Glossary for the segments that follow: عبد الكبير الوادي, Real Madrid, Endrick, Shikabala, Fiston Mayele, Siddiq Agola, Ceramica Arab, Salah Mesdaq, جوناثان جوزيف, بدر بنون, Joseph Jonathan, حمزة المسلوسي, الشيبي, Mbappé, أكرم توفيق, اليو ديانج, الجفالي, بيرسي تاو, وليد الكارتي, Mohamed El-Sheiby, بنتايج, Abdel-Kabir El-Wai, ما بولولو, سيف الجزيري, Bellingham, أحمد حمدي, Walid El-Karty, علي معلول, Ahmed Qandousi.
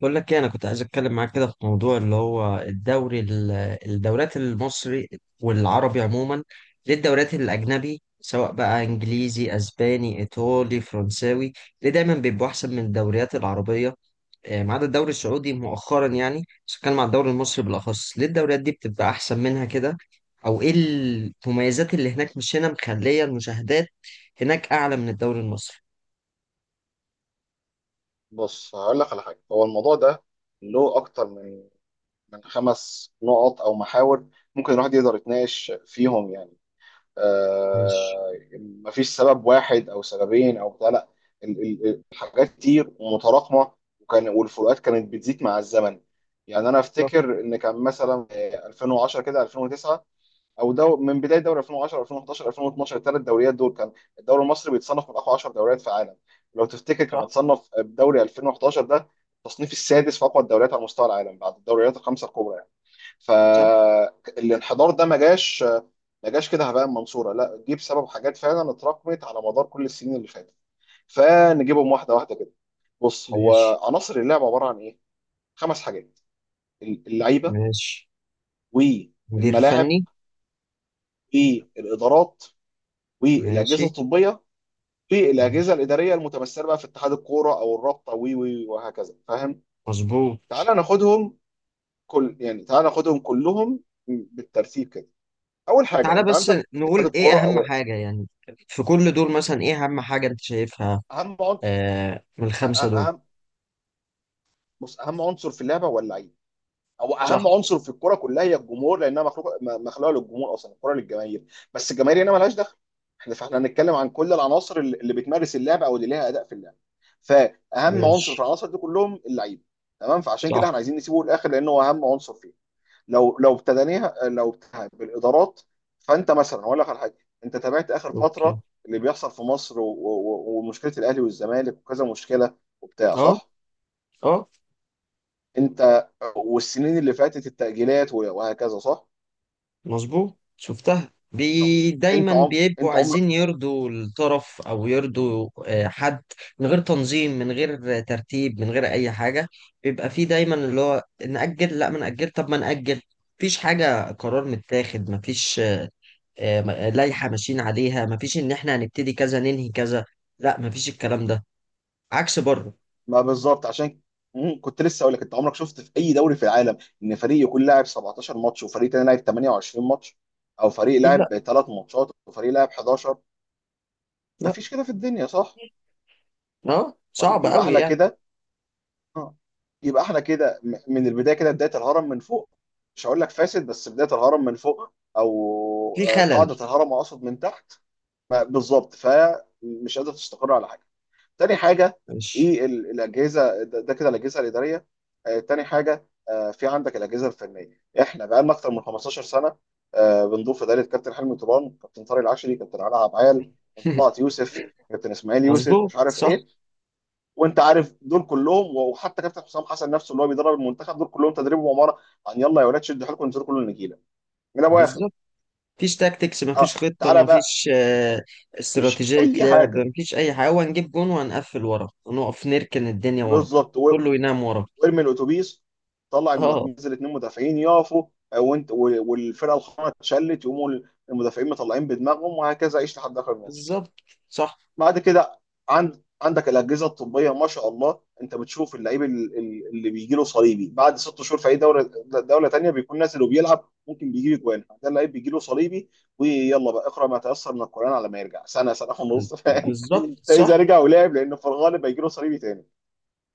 بقول لك ايه، انا كنت عايز اتكلم معاك كده في موضوع، اللي هو الدوري الدوريات المصري والعربي عموما. ليه الدوريات الاجنبي سواء بقى انجليزي اسباني ايطالي فرنساوي، ليه دايما بيبقوا احسن من الدوريات العربيه؟ ما عدا الدوري السعودي مؤخرا يعني، بس اتكلم عن الدوري المصري بالاخص. ليه الدوريات دي بتبقى احسن منها كده، او ايه المميزات اللي هناك مش هنا مخليه المشاهدات هناك اعلى من الدوري المصري؟ بص، هقول لك على حاجه. هو الموضوع ده له اكتر من خمس نقط او محاور ممكن الواحد يقدر يتناقش فيهم، يعني. ماشي. آه، مفيش سبب واحد او سببين او بتاع. لا، ال- الحاجات كتير ومتراكمه. والفروقات كانت بتزيد مع الزمن. يعني انا صح. افتكر ان كان مثلا 2010 كده، 2009، او من بدايه دوري 2010، 2011، 2012، الثلاث دوريات دول كان الدوري المصري بيتصنف من اقوى 10 دوريات في العالم. لو تفتكر صح. كان اتصنف بدوري 2011 ده التصنيف السادس في اقوى الدوريات على مستوى العالم بعد الدوريات الخمسه الكبرى، يعني. صح. فالانحدار ده ما جاش، ما جاش كده هباء من منصوره، لا، جه بسبب حاجات فعلا اتراكمت على مدار كل السنين اللي فاتت. فنجيبهم واحده واحده كده. بص، ماشي. هو عناصر اللعبه عباره عن ايه؟ خمس حاجات: اللعيبه، ماشي. مدير والملاعب، فني. والادارات، والاجهزه ماشي. الطبيه، في الاجهزه ماشي. الاداريه المتمثله بقى في اتحاد الكوره او الرابطه وهكذا، فاهم. مظبوط. تعال ناخدهم. كل يعني تعال ناخدهم كلهم بالترتيب كده. اول حاجه تعالى انت بس عندك نقول اتحاد ايه الكوره، اهم او حاجة يعني، في كل دول مثلا ايه اهم حاجة انت شايفها؟ اهم عن- آه، من أ- الخمسة أ- دول. اهم بص، اهم عنصر في اللعبه هو اللعيب. هو صح. اهم عنصر في الكوره كلها هي الجمهور، لانها مخلوقه مخلوقه للجمهور، اصلا الكوره للجماهير. بس الجماهير هنا ملهاش دخل. فاحنا هنتكلم عن كل العناصر اللي بتمارس اللعبه او اللي ليها اداء في اللعبه، فاهم. عنصر في ماشي. العناصر دي كلهم اللعيبه. تمام، فعشان كده احنا صح. عايزين نسيبه للاخر لانه هو اهم عنصر فيه. لو ابتديناها بالادارات، فانت مثلا هقول لك على حاجه. انت تابعت اخر اوكي. فتره اللي بيحصل في مصر ومشكله الاهلي والزمالك وكذا مشكله وبتاع، اه. صح؟ اه. انت والسنين اللي فاتت التأجيلات وهكذا، صح؟ مظبوط، شفتها. انت بي انت دايما عمر، بيبقوا انت عمر عايزين يرضوا الطرف، او يرضوا حد، من غير تنظيم من غير ترتيب من غير اي حاجه. بيبقى فيه دايما اللي هو نأجل لا ما نأجل طب ما نأجل. مفيش حاجه، قرار متاخد مفيش، لائحه ماشيين عليها. مفيش ان احنا هنبتدي كذا ننهي كذا، لا مفيش الكلام ده، عكس بره. ما، بالظبط عشان، كنت لسه اقول لك، انت عمرك شفت في اي دوري في العالم ان فريق يكون لاعب 17 ماتش وفريق تاني لاعب 28 ماتش، او فريق اكيد لا. لاعب 3 ماتشات وفريق لاعب 11؟ لا. مفيش كده في الدنيا، صح؟ اه طيب صعب يبقى قوي احنا يعني. كده. اه، يبقى احنا كده من البدايه كده بدايه الهرم من فوق. مش هقول لك فاسد، بس بدايه الهرم من فوق، او في خلل. قاعده الهرم اقصد من تحت. بالظبط، فمش قادره تستقر على حاجه. تاني حاجه، مش ايه الاجهزه؟ ده كده الاجهزه الاداريه. آه، تاني حاجه، في عندك الاجهزه الفنيه. احنا بقالنا اكتر من 15 سنه بنضيف اداره. كابتن حلمي طيران، كابتن طارق العشري، كابتن علاء عبعال، طلعت يوسف، كابتن اسماعيل يوسف، مظبوط. مش عارف صح. ايه. وانت عارف دول كلهم، وحتى كابتن حسام حسن نفسه اللي هو بيدرب المنتخب، دول كلهم تدريب ومهاره يلا يا ولاد شدوا حيلكم انزلوا كلوا النجيله من ابو اخر. بالظبط. مفيش تاكتكس مفيش اه، خطة تعالى بقى، مفيش مفيش استراتيجية اي لعب، حاجه، مفيش أي حاجة. هو هنجيب جون وهنقفل ورا ونقف نركن الدنيا ورا، بالظبط. كله ينام ورا. وارمي الاتوبيس، طلع اه. المهاجمين، نزل اتنين مدافعين يقفوا، وانت والفرقه الخامسه اتشلت، يقوموا المدافعين مطلعين بدماغهم، وهكذا عيش لحد اخر الماتش. بالظبط. صح. بعد كده عندك الاجهزه الطبيه، ما شاء الله. انت بتشوف اللعيب اللي بيجي له صليبي بعد ست شهور في اي دوله، دوله تانيه بيكون نازل وبيلعب. ممكن بيجي له جوان، ده اللعيب بيجي له صليبي، ويلا بقى اقرا ما تيسر من القران على ما يرجع سنه، سنه ونص، فاهم. بالظبط. ده اذا صح. رجع ولعب، لانه في الغالب هيجي له صليبي تاني.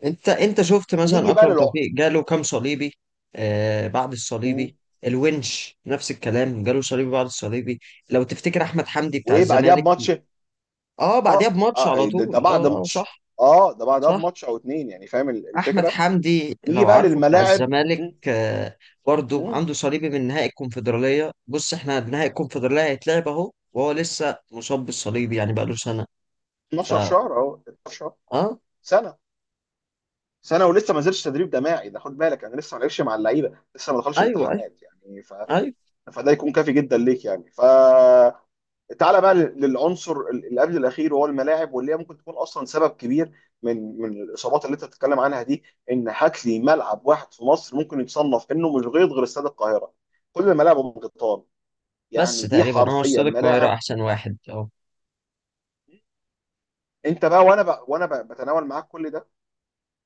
انت شفت مثلا نيجي بقى أكرم للعقد. توفيق جاله كام صليبي؟ آه، بعد الصليبي. الونش نفس الكلام، جاله صليبي بعد الصليبي. لو تفتكر أحمد حمدي بتاع وايه بعدها الزمالك، بماتش؟ اه بعديها اه، بماتش على ده طول. بعد اه. اه ماتش. صح. اه، ده بعدها صح. بماتش او اتنين، يعني فاهم احمد الفكره. حمدي نيجي لو بقى عارفه بتاع للملاعب. الزمالك، مم، برضو مم، عنده صليبي من نهائي الكونفدراليه. بص احنا نهائي الكونفدراليه هيتلعب اهو، وهو لسه مصاب بالصليبي يعني بقاله سنه. ف 12 شهر اهو، 12 شهر، اه. سنه، سنه ولسه ما نزلش تدريب جماعي، ده خد بالك انا لسه ما لعبش مع اللعيبه، لسه ما دخلش ايوه ايوه. التحامات، يعني ايوه. فده يكون كافي جدا ليك، يعني تعالى بقى للعنصر اللي قبل الاخير وهو الملاعب، واللي هي ممكن تكون اصلا سبب كبير من الاصابات اللي انت بتتكلم عنها دي. ان هات لي ملعب واحد في مصر ممكن يتصنف انه مش غيط غير استاد القاهره. كل الملاعب ام قطان، بس يعني دي تقريبا هو حرفيا استاد القاهره ملاعب. احسن واحد اهو. انت بقى، وانا بقى بتناول معاك كل ده.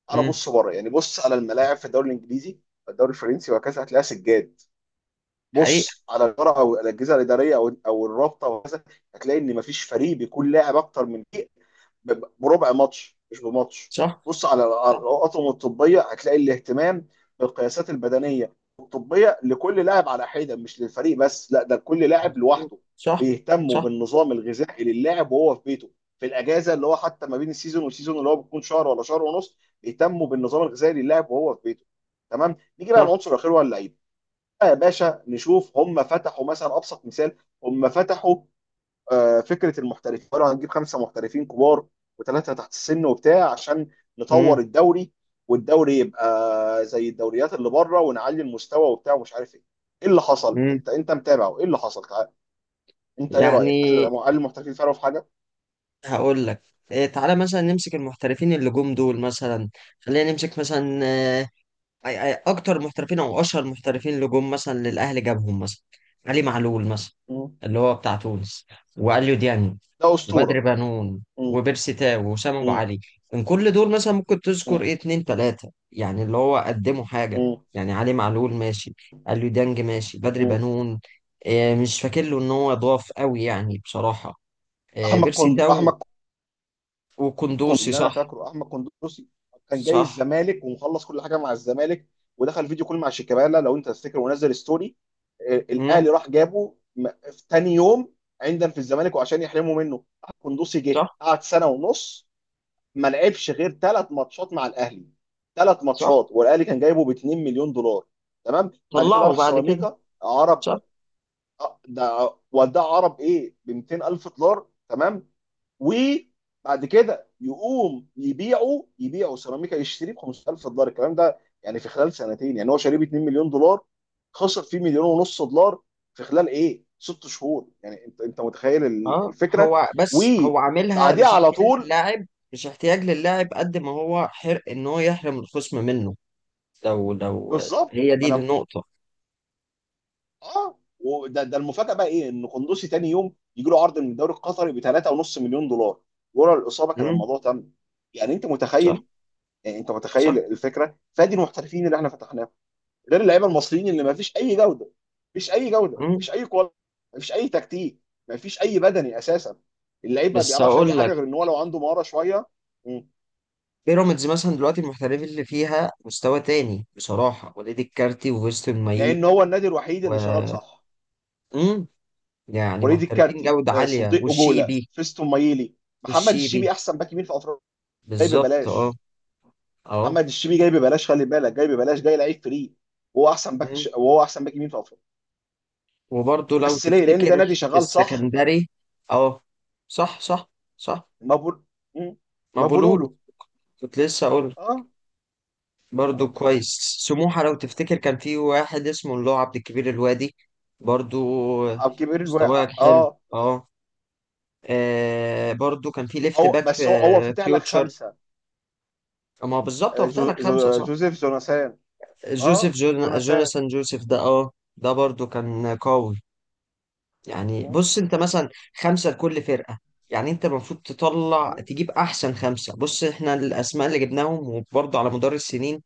امم. بص بره، يعني بص على الملاعب في الدوري الانجليزي، الدوري الفرنسي وهكذا، هتلاقيها سجاد. حقيقه. بص على الاداره او الاجهزه الاداريه او الرابطه وهكذا، هتلاقي ان مفيش فريق بيكون لاعب اكتر من فريق بربع ماتش، مش بماتش. صح. بص على صح. الأطقم الطبية، هتلاقي الاهتمام بالقياسات البدنية الطبية لكل لاعب على حدة، مش للفريق بس، لا، ده كل لاعب مظبوط. لوحده. صح. بيهتموا صح. بالنظام الغذائي للاعب وهو في بيته، في الأجازة اللي هو حتى ما بين السيزون والسيزون اللي هو بيكون شهر ولا شهر ونص. بيهتموا بالنظام الغذائي للاعب وهو في بيته. تمام، نيجي بقى صح. للعنصر الأخير هو اللعيب بقى يا باشا. نشوف، هم فتحوا مثلا. أبسط مثال، هم فتحوا فكره المحترفين. قالوا هنجيب خمسه محترفين كبار وثلاثه تحت السن وبتاع عشان امم. نطور الدوري، والدوري يبقى زي الدوريات اللي بره، ونعلي المستوى وبتاع ومش عارف ايه. ايه اللي حصل؟ امم. انت متابع ايه اللي حصل؟ تعال. انت ايه رايك؟ هل يعني هل المحترفين فرقوا في حاجه؟ هقول لك إيه، تعالى مثلا نمسك المحترفين اللي جم دول مثلا، خلينا نمسك مثلا اكتر محترفين او اشهر محترفين اللي جم مثلا للاهلي، جابهم مثلا علي معلول مثلا مم. اللي هو بتاع تونس، واليو ديانج ده اسطوره. وبدر بنون مم. وبيرسي تاو وسام ابو مم. علي. من كل دول مثلا ممكن تذكر ايه، مم. اتنين تلاته يعني اللي هو قدموا حاجه؟ مم. يعني علي معلول ماشي، اليو ديانج ماشي، بدر مم. بنون إيه، مم. مش فاكر له ان هو ضاف قوي يعني بصراحه. إيه احمد بيرسي كوند تاو احمد كوند وكندوسي. اللي انا صح. فاكره احمد قندوسي. كان جاي صح. الزمالك ومخلص كل حاجه مع الزمالك، ودخل فيديو كل مع شيكابالا لو انت تفتكر، ونزل ستوري. امم. الاهلي راح جابه في تاني يوم عندنا في الزمالك وعشان يحرموا منه. قندوسي جه صح. قعد سنه ونص، ما لعبش غير ثلاث ماتشات مع الاهلي. ثلاث صح. ماتشات، والاهلي كان جايبه ب 2 مليون دولار. تمام، بعد كده طلعوا راح بعد كده. سيراميكا. صح. عرب، ده وداه عرب ايه ب 200 الف دولار. تمام، وبعد كده يقوم يبيعه سيراميكا، يشتريه ب 5000 دولار الكلام ده. يعني في خلال سنتين يعني هو شاريه ب 2 مليون دولار، خسر فيه مليون ونص دولار في خلال ايه؟ ست شهور. يعني انت متخيل اه. الفكره. هو بس هو عاملها وبعديها مش على احتياج طول. للاعب، مش احتياج للاعب، قد ما هو حرق ان هو يحرم الخصم منه. لو بالظبط، هي ما دي انا. النقطة. اه، وده المفاجاه بقى ايه؟ ان قندوسي تاني يوم يجي له عرض من الدوري القطري ب 3.5 مليون دولار. ورا الاصابه كان امم. الموضوع تم. يعني انت صح. متخيل. يعني انت متخيل صح. الفكره. فادي المحترفين اللي احنا فتحناهم، غير اللعيبه المصريين اللي ما فيش اي جوده. مفيش اي جوده، امم. مفيش اي كواليتي، مفيش اي تكتيك، مفيش اي بدني اساسا. اللعيب ما بس بيعرفش اي هقول لك، حاجه غير ان هو لو عنده مهاره شويه. مم. بيراميدز مثلا دلوقتي المحترفين اللي فيها مستوى تاني بصراحة، وليد الكارتي وفيستون لان مايين، هو النادي الوحيد و... اللي شغال، صح. امم. يعني وليد محترفين الكارتي، جودة عالية صديق اجولا، والشيبي. فيستون مايلي، محمد الشيبي والشيبي. احسن باك يمين في افريقيا، جاي بالظبط اه. ببلاش. محمد اه. الشيبي جاي ببلاش، خلي بالك، جاي ببلاش، جاي لعيب فري، وهو احسن باك إمم. وهو احسن باك يمين في افريقيا. وبرضه لو بس ليه؟ لان ده تفتكر نادي في شغال، صح. السكندري. اه. صح. صح. صح. ما بقول. مم. ما ما بقولوا بولولو. له. كنت لسه اقول، اه، برضه كويس سموحة، لو تفتكر كان في واحد اسمه اللي هو عبد الكبير الوادي، برضه عبد الكبير الوي. مستواه حلو. اه، اه. برضه كان في ليفت هو باك في بس هو فاتح لك فيوتشر. خمسه. ما هو بالظبط هو فتح جو لك خمسة جو صح. جوزيف جوناثان. جوزيف اه، جوناثان. جوناثان جوزيف ده اه، ده برضه كان قوي. يعني مم، بص انت مثلا، خمسة لكل فرقة، يعني انت المفروض تطلع مم، تجيب احسن خمسة. بص احنا الاسماء اللي جبناهم وبرضه على مدار السنين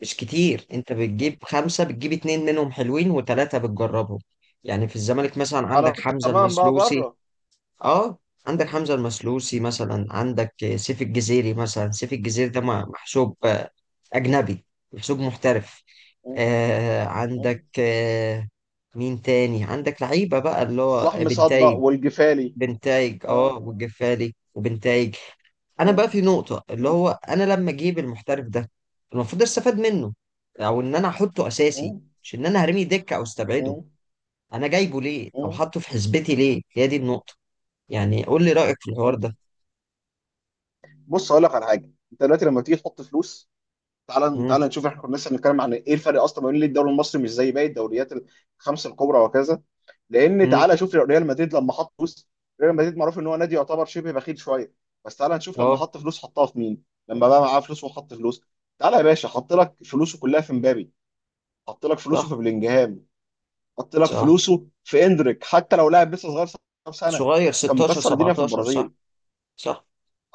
مش كتير، انت بتجيب مم. خمسة، بتجيب اتنين منهم حلوين وتلاتة بتجربهم. يعني في الزمالك مثلا على. عندك حمزة تمام بقى المسلوسي. بره. اه. عندك مم، حمزة المسلوسي مثلا، عندك سيف الجزيري مثلا. سيف الجزيري ده محسوب اجنبي، محسوب محترف. مم، مم. عندك مين تاني، عندك لعيبة بقى اللي هو صلاح مصدق بنتايج. والجفالي. بنتايج اه، اه، والجفالي وبنتايج. انا مم، بقى في نقطة اللي مم، هو انا لما اجيب المحترف ده المفروض استفاد منه، او ان انا احطه اساسي، مم، مش ان انا هرمي دكة او استبعده. مم، انا جايبه ليه او مم، حاطه في حسبتي ليه، هي دي مم، النقطة. يعني قول لي رأيك في الحوار مم. ده. بص اقول لك على حاجه. انت دلوقتي لما تيجي تحط فلوس، تعال تعال امم. نشوف، احنا كنا لسه بنتكلم عن ايه؟ إيه الفرق اصلا ما بين ليه الدوري المصري مش زي باقي الدوريات الخمسه الكبرى وكذا؟ لان امم. تعالى شوف، ريال مدريد لما حط فلوس، ريال مدريد معروف ان هو نادي يعتبر شبه بخيل شويه، بس تعالى نشوف لما اه. حط فلوس حطها في مين، لما بقى معاه فلوس وحط فلوس. تعالى يا باشا، حط لك فلوسه كلها في مبابي، حط لك فلوسه صح. في بلينجهام، حط لك صح. فلوسه في اندريك، حتى لو لاعب لسه صغير 17 سنه صغير بس كان 16 مكسر الدنيا في 17 صح. البرازيل. صح.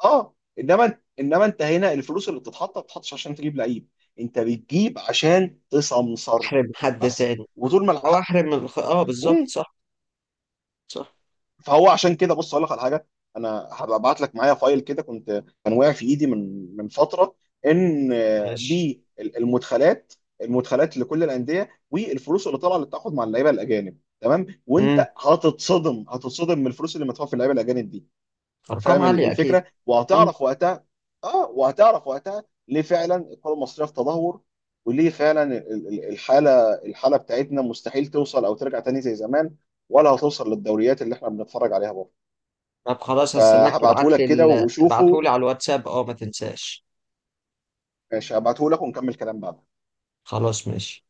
اه، انما انت هنا الفلوس اللي بتتحط ما بتتحطش عشان تجيب لعيب، انت بتجيب عشان تسمسر، احرم حد بس، تاني. وطول ما او الحق. احرم اه بالظبط صح. صح. فهو عشان كده، بص اقول لك على حاجه. انا هبعت لك، معايا فايل كده كنت كان واقع في ايدي من فتره، ان ماشي. بالمدخلات. المدخلات لكل الانديه والفلوس اللي طالعه، اللي بتاخد مع اللعيبه الاجانب، تمام. امم. وانت هتتصدم من الفلوس اللي مدفوعه في اللعيبه الاجانب دي، ارقام فاهم عالية اكيد. الفكره. وهتعرف وقتها، اه، وهتعرف وقتها ليه فعلا الكره المصريه في تدهور، وليه فعلا الحاله بتاعتنا مستحيل توصل او ترجع تاني زي زمان، ولا هتوصل للدوريات اللي احنا بنتفرج عليها برضه. طب خلاص، هستناك تبعت فهبعتهولك لي كده وشوفه. ابعتهولي على الواتساب، اه ما تنساش. ماشي، هبعتهولك ونكمل كلام بعد. خلاص ماشي.